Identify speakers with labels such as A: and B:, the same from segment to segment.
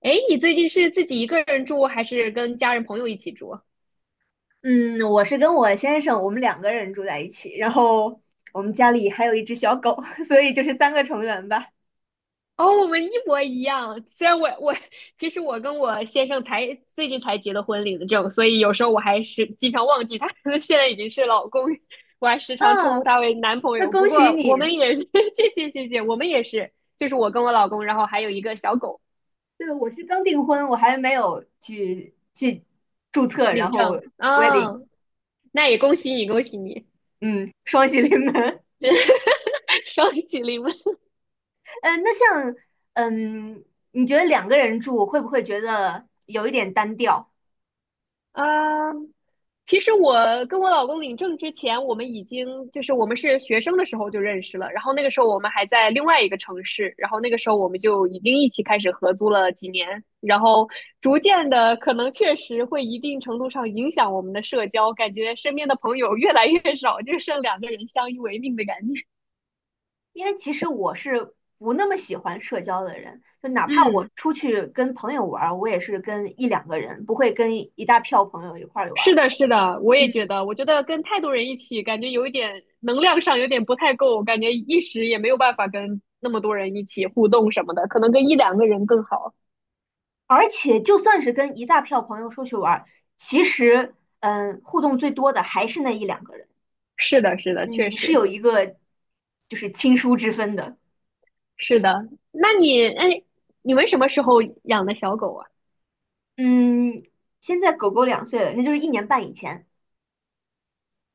A: 哎，你最近是自己一个人住，还是跟家人朋友一起住？
B: 嗯，我是跟我先生，我们两个人住在一起，然后我们家里还有一只小狗，所以就是3个成员吧。
A: 哦，我们一模一样。虽然我我其实我跟我先生才最近才结的婚领的证，所以有时候我还是经常忘记他可能 现在已经是老公，我还时常称呼
B: 嗯，
A: 他为男朋
B: 那
A: 友。不
B: 恭喜
A: 过我们
B: 你。
A: 也是 谢谢，我们也是，就是我跟我老公，然后还有一个小狗
B: 对，我是刚订婚，我还没有去注册，然
A: 领
B: 后
A: 证。啊，
B: wedding，
A: 那也恭喜你，恭喜你，
B: 嗯，双喜临门。
A: 双喜临门。
B: 嗯，那像，嗯，你觉得两个人住会不会觉得有一点单调？
A: 嗯，其实我跟我老公领证之前，我们已经就是我们是学生的时候就认识了，然后那个时候我们还在另外一个城市，然后那个时候我们就已经一起开始合租了几年，然后逐渐的可能确实会一定程度上影响我们的社交，感觉身边的朋友越来越少，就剩两个人相依为命的感觉。
B: 因为其实我是不那么喜欢社交的人，就哪怕我
A: 嗯，
B: 出去跟朋友玩我也是跟一两个人，不会跟一大票朋友一块儿
A: 是
B: 玩。
A: 的，是的，我也觉
B: 嗯，
A: 得，我觉得跟太多人一起，感觉有一点能量上有点不太够，感觉一时也没有办法跟那么多人一起互动什么的，可能跟一两个人更好。
B: 而且就算是跟一大票朋友出去玩，其实,互动最多的还是那一两个人，
A: 是的，是的，确
B: 嗯，是
A: 实
B: 有一个就是亲疏之分的。
A: 是的。那你，哎，你们什么时候养的小狗啊？
B: 嗯，现在狗狗2岁了，那就是1年半以前。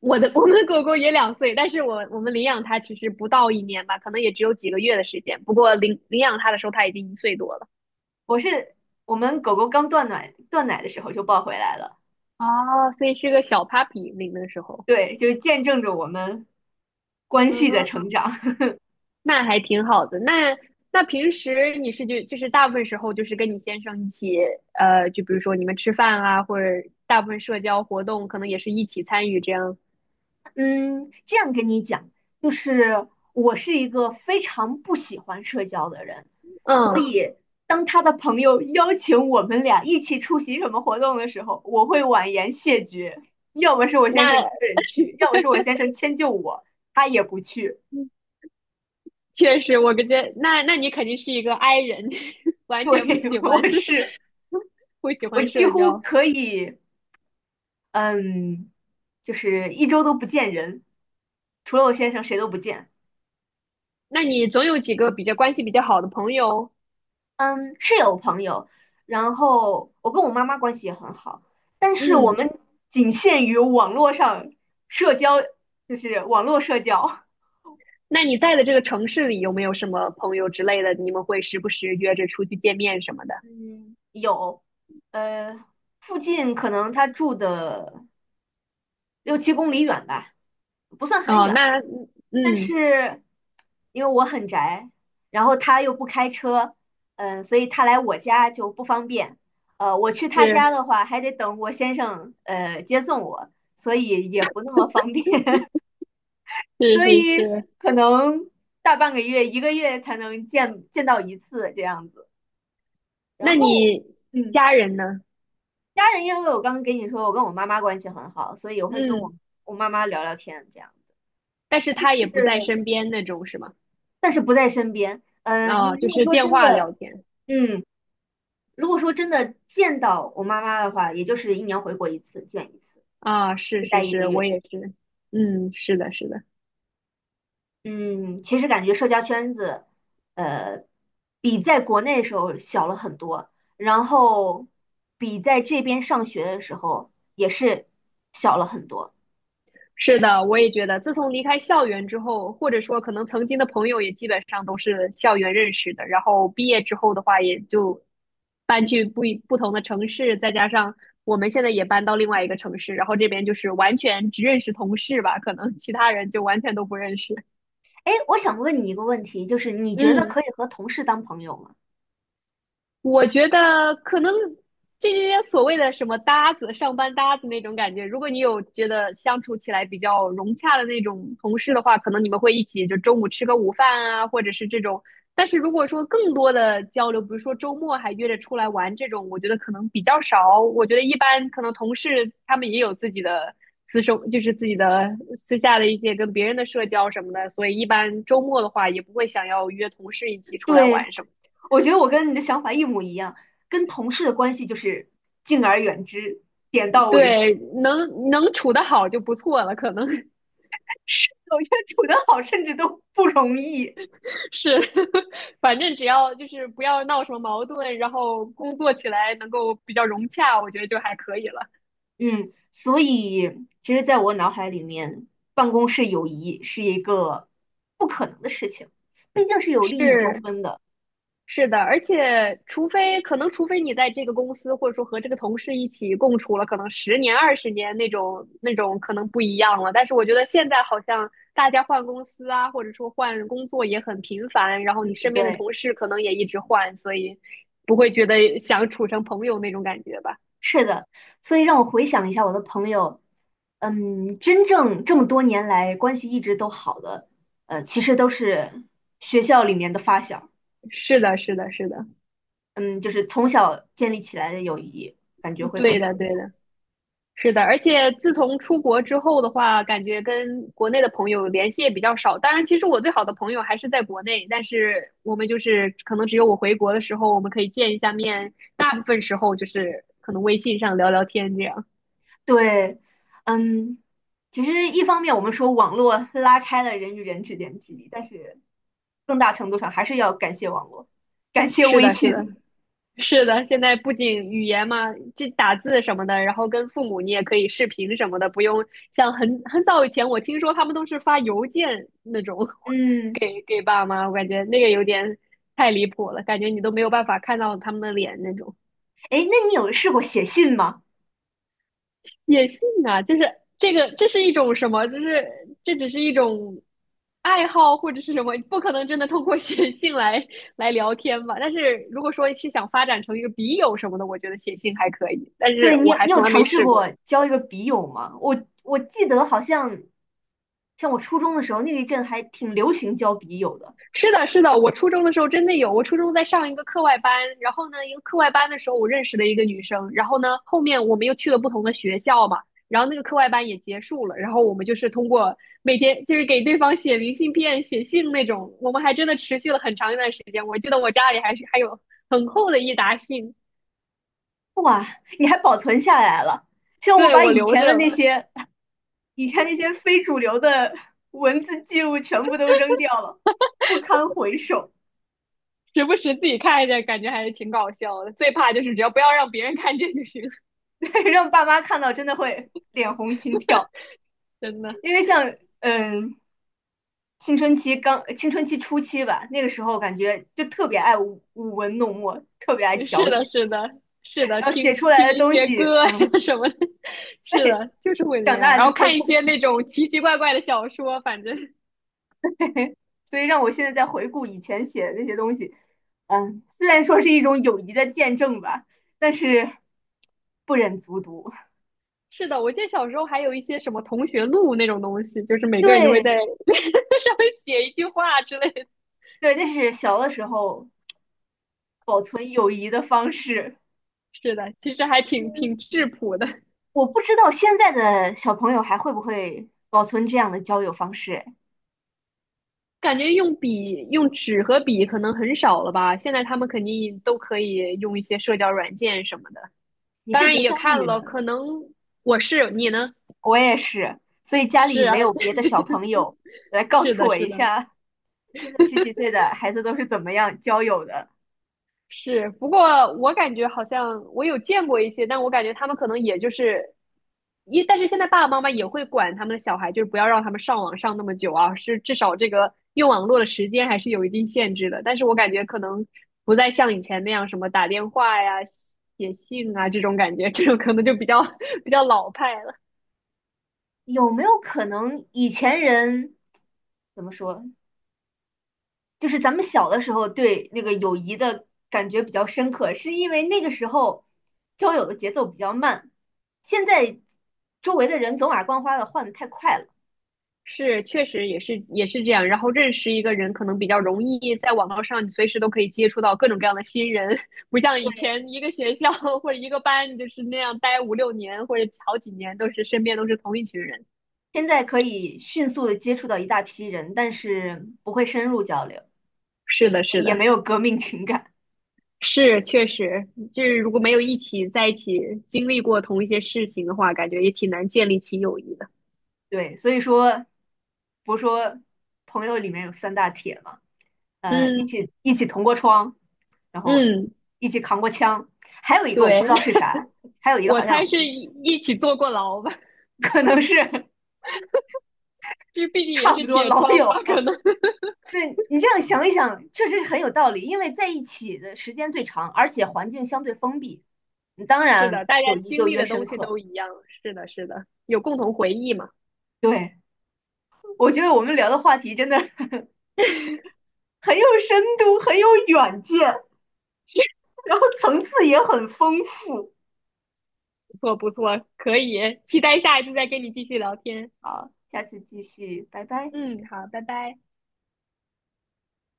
A: 我的，我们的狗狗也两岁，但是我们领养它其实不到一年吧，可能也只有几个月的时间。不过领养它的时候，它已经一岁多了。
B: 我是我们狗狗刚断奶的时候就抱回来了。
A: 哦，所以是个小 puppy 领的时候。
B: 对，就见证着我们关系的
A: 嗯，
B: 成长。
A: 那还挺好的。那平时你是就是大部分时候就是跟你先生一起，就比如说你们吃饭啊，或者大部分社交活动可能也是一起参与这样。
B: 嗯，这样跟你讲，就是我是一个非常不喜欢社交的人。
A: 嗯，
B: 当他的朋友邀请我们俩一起出席什么活动的时候，我会婉言谢绝。要么是我先生一
A: 那
B: 个人去，要么是我先生迁就我，他也不去。
A: 确实，我感觉那你肯定是一个 I 人，完全不
B: 对，
A: 喜 欢
B: 我是，
A: 不喜
B: 我
A: 欢
B: 几
A: 社
B: 乎
A: 交。
B: 可以，嗯，就是1周都不见人，除了我先生谁都不见。
A: 那你总有几个比较关系比较好的朋友，
B: 嗯，是有朋友，然后我跟我妈妈关系也很好，但是我
A: 嗯。
B: 们仅限于网络上社交，就是网络社交。
A: 那你在的这个城市里有没有什么朋友之类的？你们会时不时约着出去见面什么的？
B: 嗯，有，呃，附近可能他住的六七公里远吧，不算很
A: 哦，
B: 远，
A: 那嗯，
B: 但
A: 嗯
B: 是因为我很宅，然后他又不开车，所以他来我家就不方便。我去他家
A: 是
B: 的话，还得等我先生接送我，所以也不那么方便，
A: 是
B: 所
A: 是
B: 以
A: 是，
B: 可能大半个月、一个月才能见到一次这样子。
A: 那
B: 然后，
A: 你
B: 嗯，
A: 家人呢？
B: 家人因为我刚刚跟你说，我跟我妈妈关系很好，所以我会跟
A: 嗯，
B: 我妈妈聊聊天这样子，
A: 但是他也不在
B: 是，
A: 身边那种是吗？
B: 但是不在身边。嗯，
A: 啊，
B: 你
A: 就
B: 如果
A: 是
B: 说
A: 电
B: 真
A: 话聊
B: 的，
A: 天
B: 嗯。如果说真的见到我妈妈的话，也就是一年回国一次，见一次，
A: 啊，是
B: 就
A: 是
B: 待一个
A: 是，
B: 月
A: 我
B: 这样。
A: 也是，嗯，是的，是的，
B: 嗯，其实感觉社交圈子，呃，比在国内的时候小了很多，然后比在这边上学的时候也是小了很多。
A: 是的，我也觉得，自从离开校园之后，或者说可能曾经的朋友也基本上都是校园认识的，然后毕业之后的话，也就搬去不同的城市，再加上我们现在也搬到另外一个城市，然后这边就是完全只认识同事吧，可能其他人就完全都不认识，
B: 哎，我想问你一个问题，就是你觉得
A: 嗯。
B: 可以和同事当朋友吗？
A: 我觉得可能这些所谓的什么搭子、上班搭子那种感觉，如果你有觉得相处起来比较融洽的那种同事的话，可能你们会一起就中午吃个午饭啊，或者是这种。但是如果说更多的交流，比如说周末还约着出来玩这种，我觉得可能比较少。我觉得一般可能同事他们也有自己的私生，就是自己的私下的一些跟别人的社交什么的，所以一般周末的话也不会想要约同事一起出来
B: 对，
A: 玩什么的
B: 我觉得我跟你的想法一模一样，跟同事的关系就是敬而远之，点到为止。
A: 对，能能处得好就不错了，可能
B: 是有些处得好甚至都不容易。
A: 是，反正只要就是不要闹什么矛盾，然后工作起来能够比较融洽，我觉得就还可以了。
B: 嗯，所以其实在我脑海里面，办公室友谊是一个不可能的事情，毕竟是有利益纠
A: 是，
B: 纷的。
A: 是的，而且除非可能，除非你在这个公司或者说和这个同事一起共处了，可能10年、20年那种那种可能不一样了。但是我觉得现在好像大家换公司啊，或者说换工作也很频繁，然后你身边的
B: 对，
A: 同事可能也一直换，所以不会觉得想处成朋友那种感觉吧？
B: 是的，所以让我回想一下我的朋友，真正这么多年来关系一直都好的，其实都是学校里面的发小，
A: 是的，是的，是的，
B: 嗯，就是从小建立起来的友谊，感觉会更
A: 对的，
B: 长
A: 对
B: 久。
A: 的。是的，而且自从出国之后的话，感觉跟国内的朋友联系也比较少。当然，其实我最好的朋友还是在国内，但是我们就是可能只有我回国的时候，我们可以见一下面，大部分时候就是可能微信上聊聊天这样。
B: 对，嗯，其实一方面我们说网络拉开了人与人之间的距离，但是更大程度上还是要感谢网络，感谢
A: 是
B: 微
A: 的，是的，
B: 信。
A: 是的，现在不仅语言嘛，这打字什么的，然后跟父母你也可以视频什么的，不用像很早以前，我听说他们都是发邮件那种
B: 嗯，
A: 给爸妈，我感觉那个有点太离谱了，感觉你都没有办法看到他们的脸那种。
B: 哎，那你有试过写信吗？
A: 写信啊，就是这个，这是一种什么？就是这只是一种爱好或者是什么？不可能真的通过写信来来聊天吧？但是如果说是想发展成一个笔友什么的，我觉得写信还可以，但
B: 对，
A: 是
B: 你
A: 我
B: 有
A: 还
B: 你有
A: 从来
B: 尝
A: 没
B: 试
A: 试
B: 过
A: 过。
B: 交一个笔友吗？我记得好像像我初中的时候那一阵还挺流行交笔友的。
A: 是的，是的，我初中的时候真的有。我初中在上一个课外班，然后呢，一个课外班的时候，我认识了一个女生，然后呢，后面我们又去了不同的学校嘛，然后那个课外班也结束了，然后我们就是通过每天就是给对方写明信片、写信那种，我们还真的持续了很长一段时间。我记得我家里还有很厚的一沓信，
B: 你还保存下来了。像我
A: 对，
B: 把
A: 我
B: 以
A: 留
B: 前
A: 着
B: 的
A: 了，
B: 那些以前那些非主流的文字记录全部都扔掉了，不堪回首。
A: 时不时自己看一下，感觉还是挺搞笑的。最怕就是只要不要让别人看见就行，
B: 让爸妈看到真的会脸红心跳，
A: 真的。
B: 因为像青春期初期吧，那个时候感觉就特别爱舞文弄墨，特别爱
A: 是
B: 矫
A: 的，
B: 情，
A: 是的，是的，
B: 然后写
A: 听
B: 出
A: 听
B: 来的
A: 一
B: 东
A: 些
B: 西，
A: 歌啊呀 什么的，是的，就是会那
B: 长
A: 样。
B: 大了
A: 然
B: 之
A: 后
B: 后
A: 看一
B: 不敢，
A: 些那种奇奇怪怪的小说，反正
B: 所以让我现在在回顾以前写的那些东西，虽然说是一种友谊的见证吧，但是不忍卒读。
A: 是的。我记得小时候还有一些什么同学录那种东西，就是每个人都会在
B: 对
A: 上面写一句话之类的。
B: 对，那是小的时候保存友谊的方式。
A: 是的，其实还挺质朴的，
B: 我不知道现在的小朋友还会不会保存这样的交友方式。哎
A: 感觉用笔、用纸和笔可能很少了吧。现在他们肯定都可以用一些社交软件什么的，
B: 你
A: 当
B: 是
A: 然
B: 独
A: 也
B: 生
A: 看
B: 女吗？
A: 了，可能我是你呢？
B: 我也是，所以家
A: 是
B: 里
A: 啊。
B: 没有别的小朋 友来告
A: 是
B: 诉
A: 的，
B: 我
A: 是
B: 一
A: 的，
B: 下，现在十几岁的孩子都是怎么样交友的？
A: 是。不过我感觉好像我有见过一些，但我感觉他们可能也就是，一，但是现在爸爸妈妈也会管他们的小孩，就是不要让他们上网上那么久啊，是至少这个用网络的时间还是有一定限制的。但是我感觉可能不再像以前那样什么打电话呀、写信啊这种感觉，这种可能就比较 比较老派。了。
B: 有没有可能以前人怎么说？就是咱们小的时候对那个友谊的感觉比较深刻，是因为那个时候交友的节奏比较慢，现在周围的人走马观花的换的太快了。
A: 是，确实也是这样。然后认识一个人可能比较容易，在网络上你随时都可以接触到各种各样的新人，不像以前一个学校或者一个班，你就是那样待5、6年或者好几年，都是身边都是同一群人。
B: 现在可以迅速的接触到一大批人，但是不会深入交流，
A: 是的，是
B: 也
A: 的，
B: 没有革命情感。
A: 是确实，就是如果没有一起在一起经历过同一些事情的话，感觉也挺难建立起友谊的。
B: 对，所以说，不是说朋友里面有三大铁嘛，一
A: 嗯
B: 起一起同过窗，然后
A: 嗯，
B: 一起扛过枪，还有一个我不
A: 对，
B: 知道是啥，还有 一个
A: 我
B: 好
A: 猜
B: 像
A: 是一起坐过牢吧，
B: 可能是
A: 这毕 竟也
B: 差
A: 是
B: 不多
A: 铁
B: 老
A: 窗
B: 友，
A: 吧，可能。
B: 对你这样想一想，确实是很有道理，因为在一起的时间最长，而且环境相对封闭，你当
A: 是
B: 然
A: 的，大家
B: 友谊
A: 经
B: 就
A: 历
B: 越
A: 的东
B: 深
A: 西
B: 刻。
A: 都一样，是的，是的，有共同回忆嘛，
B: 对，我觉得我们聊的话题真的 很有深度，很有远见，然后层次也很丰富。
A: 不错，不错，可以，期待下一次再跟你继续聊天。
B: 好，下次继续，拜拜。
A: 嗯，好，拜拜。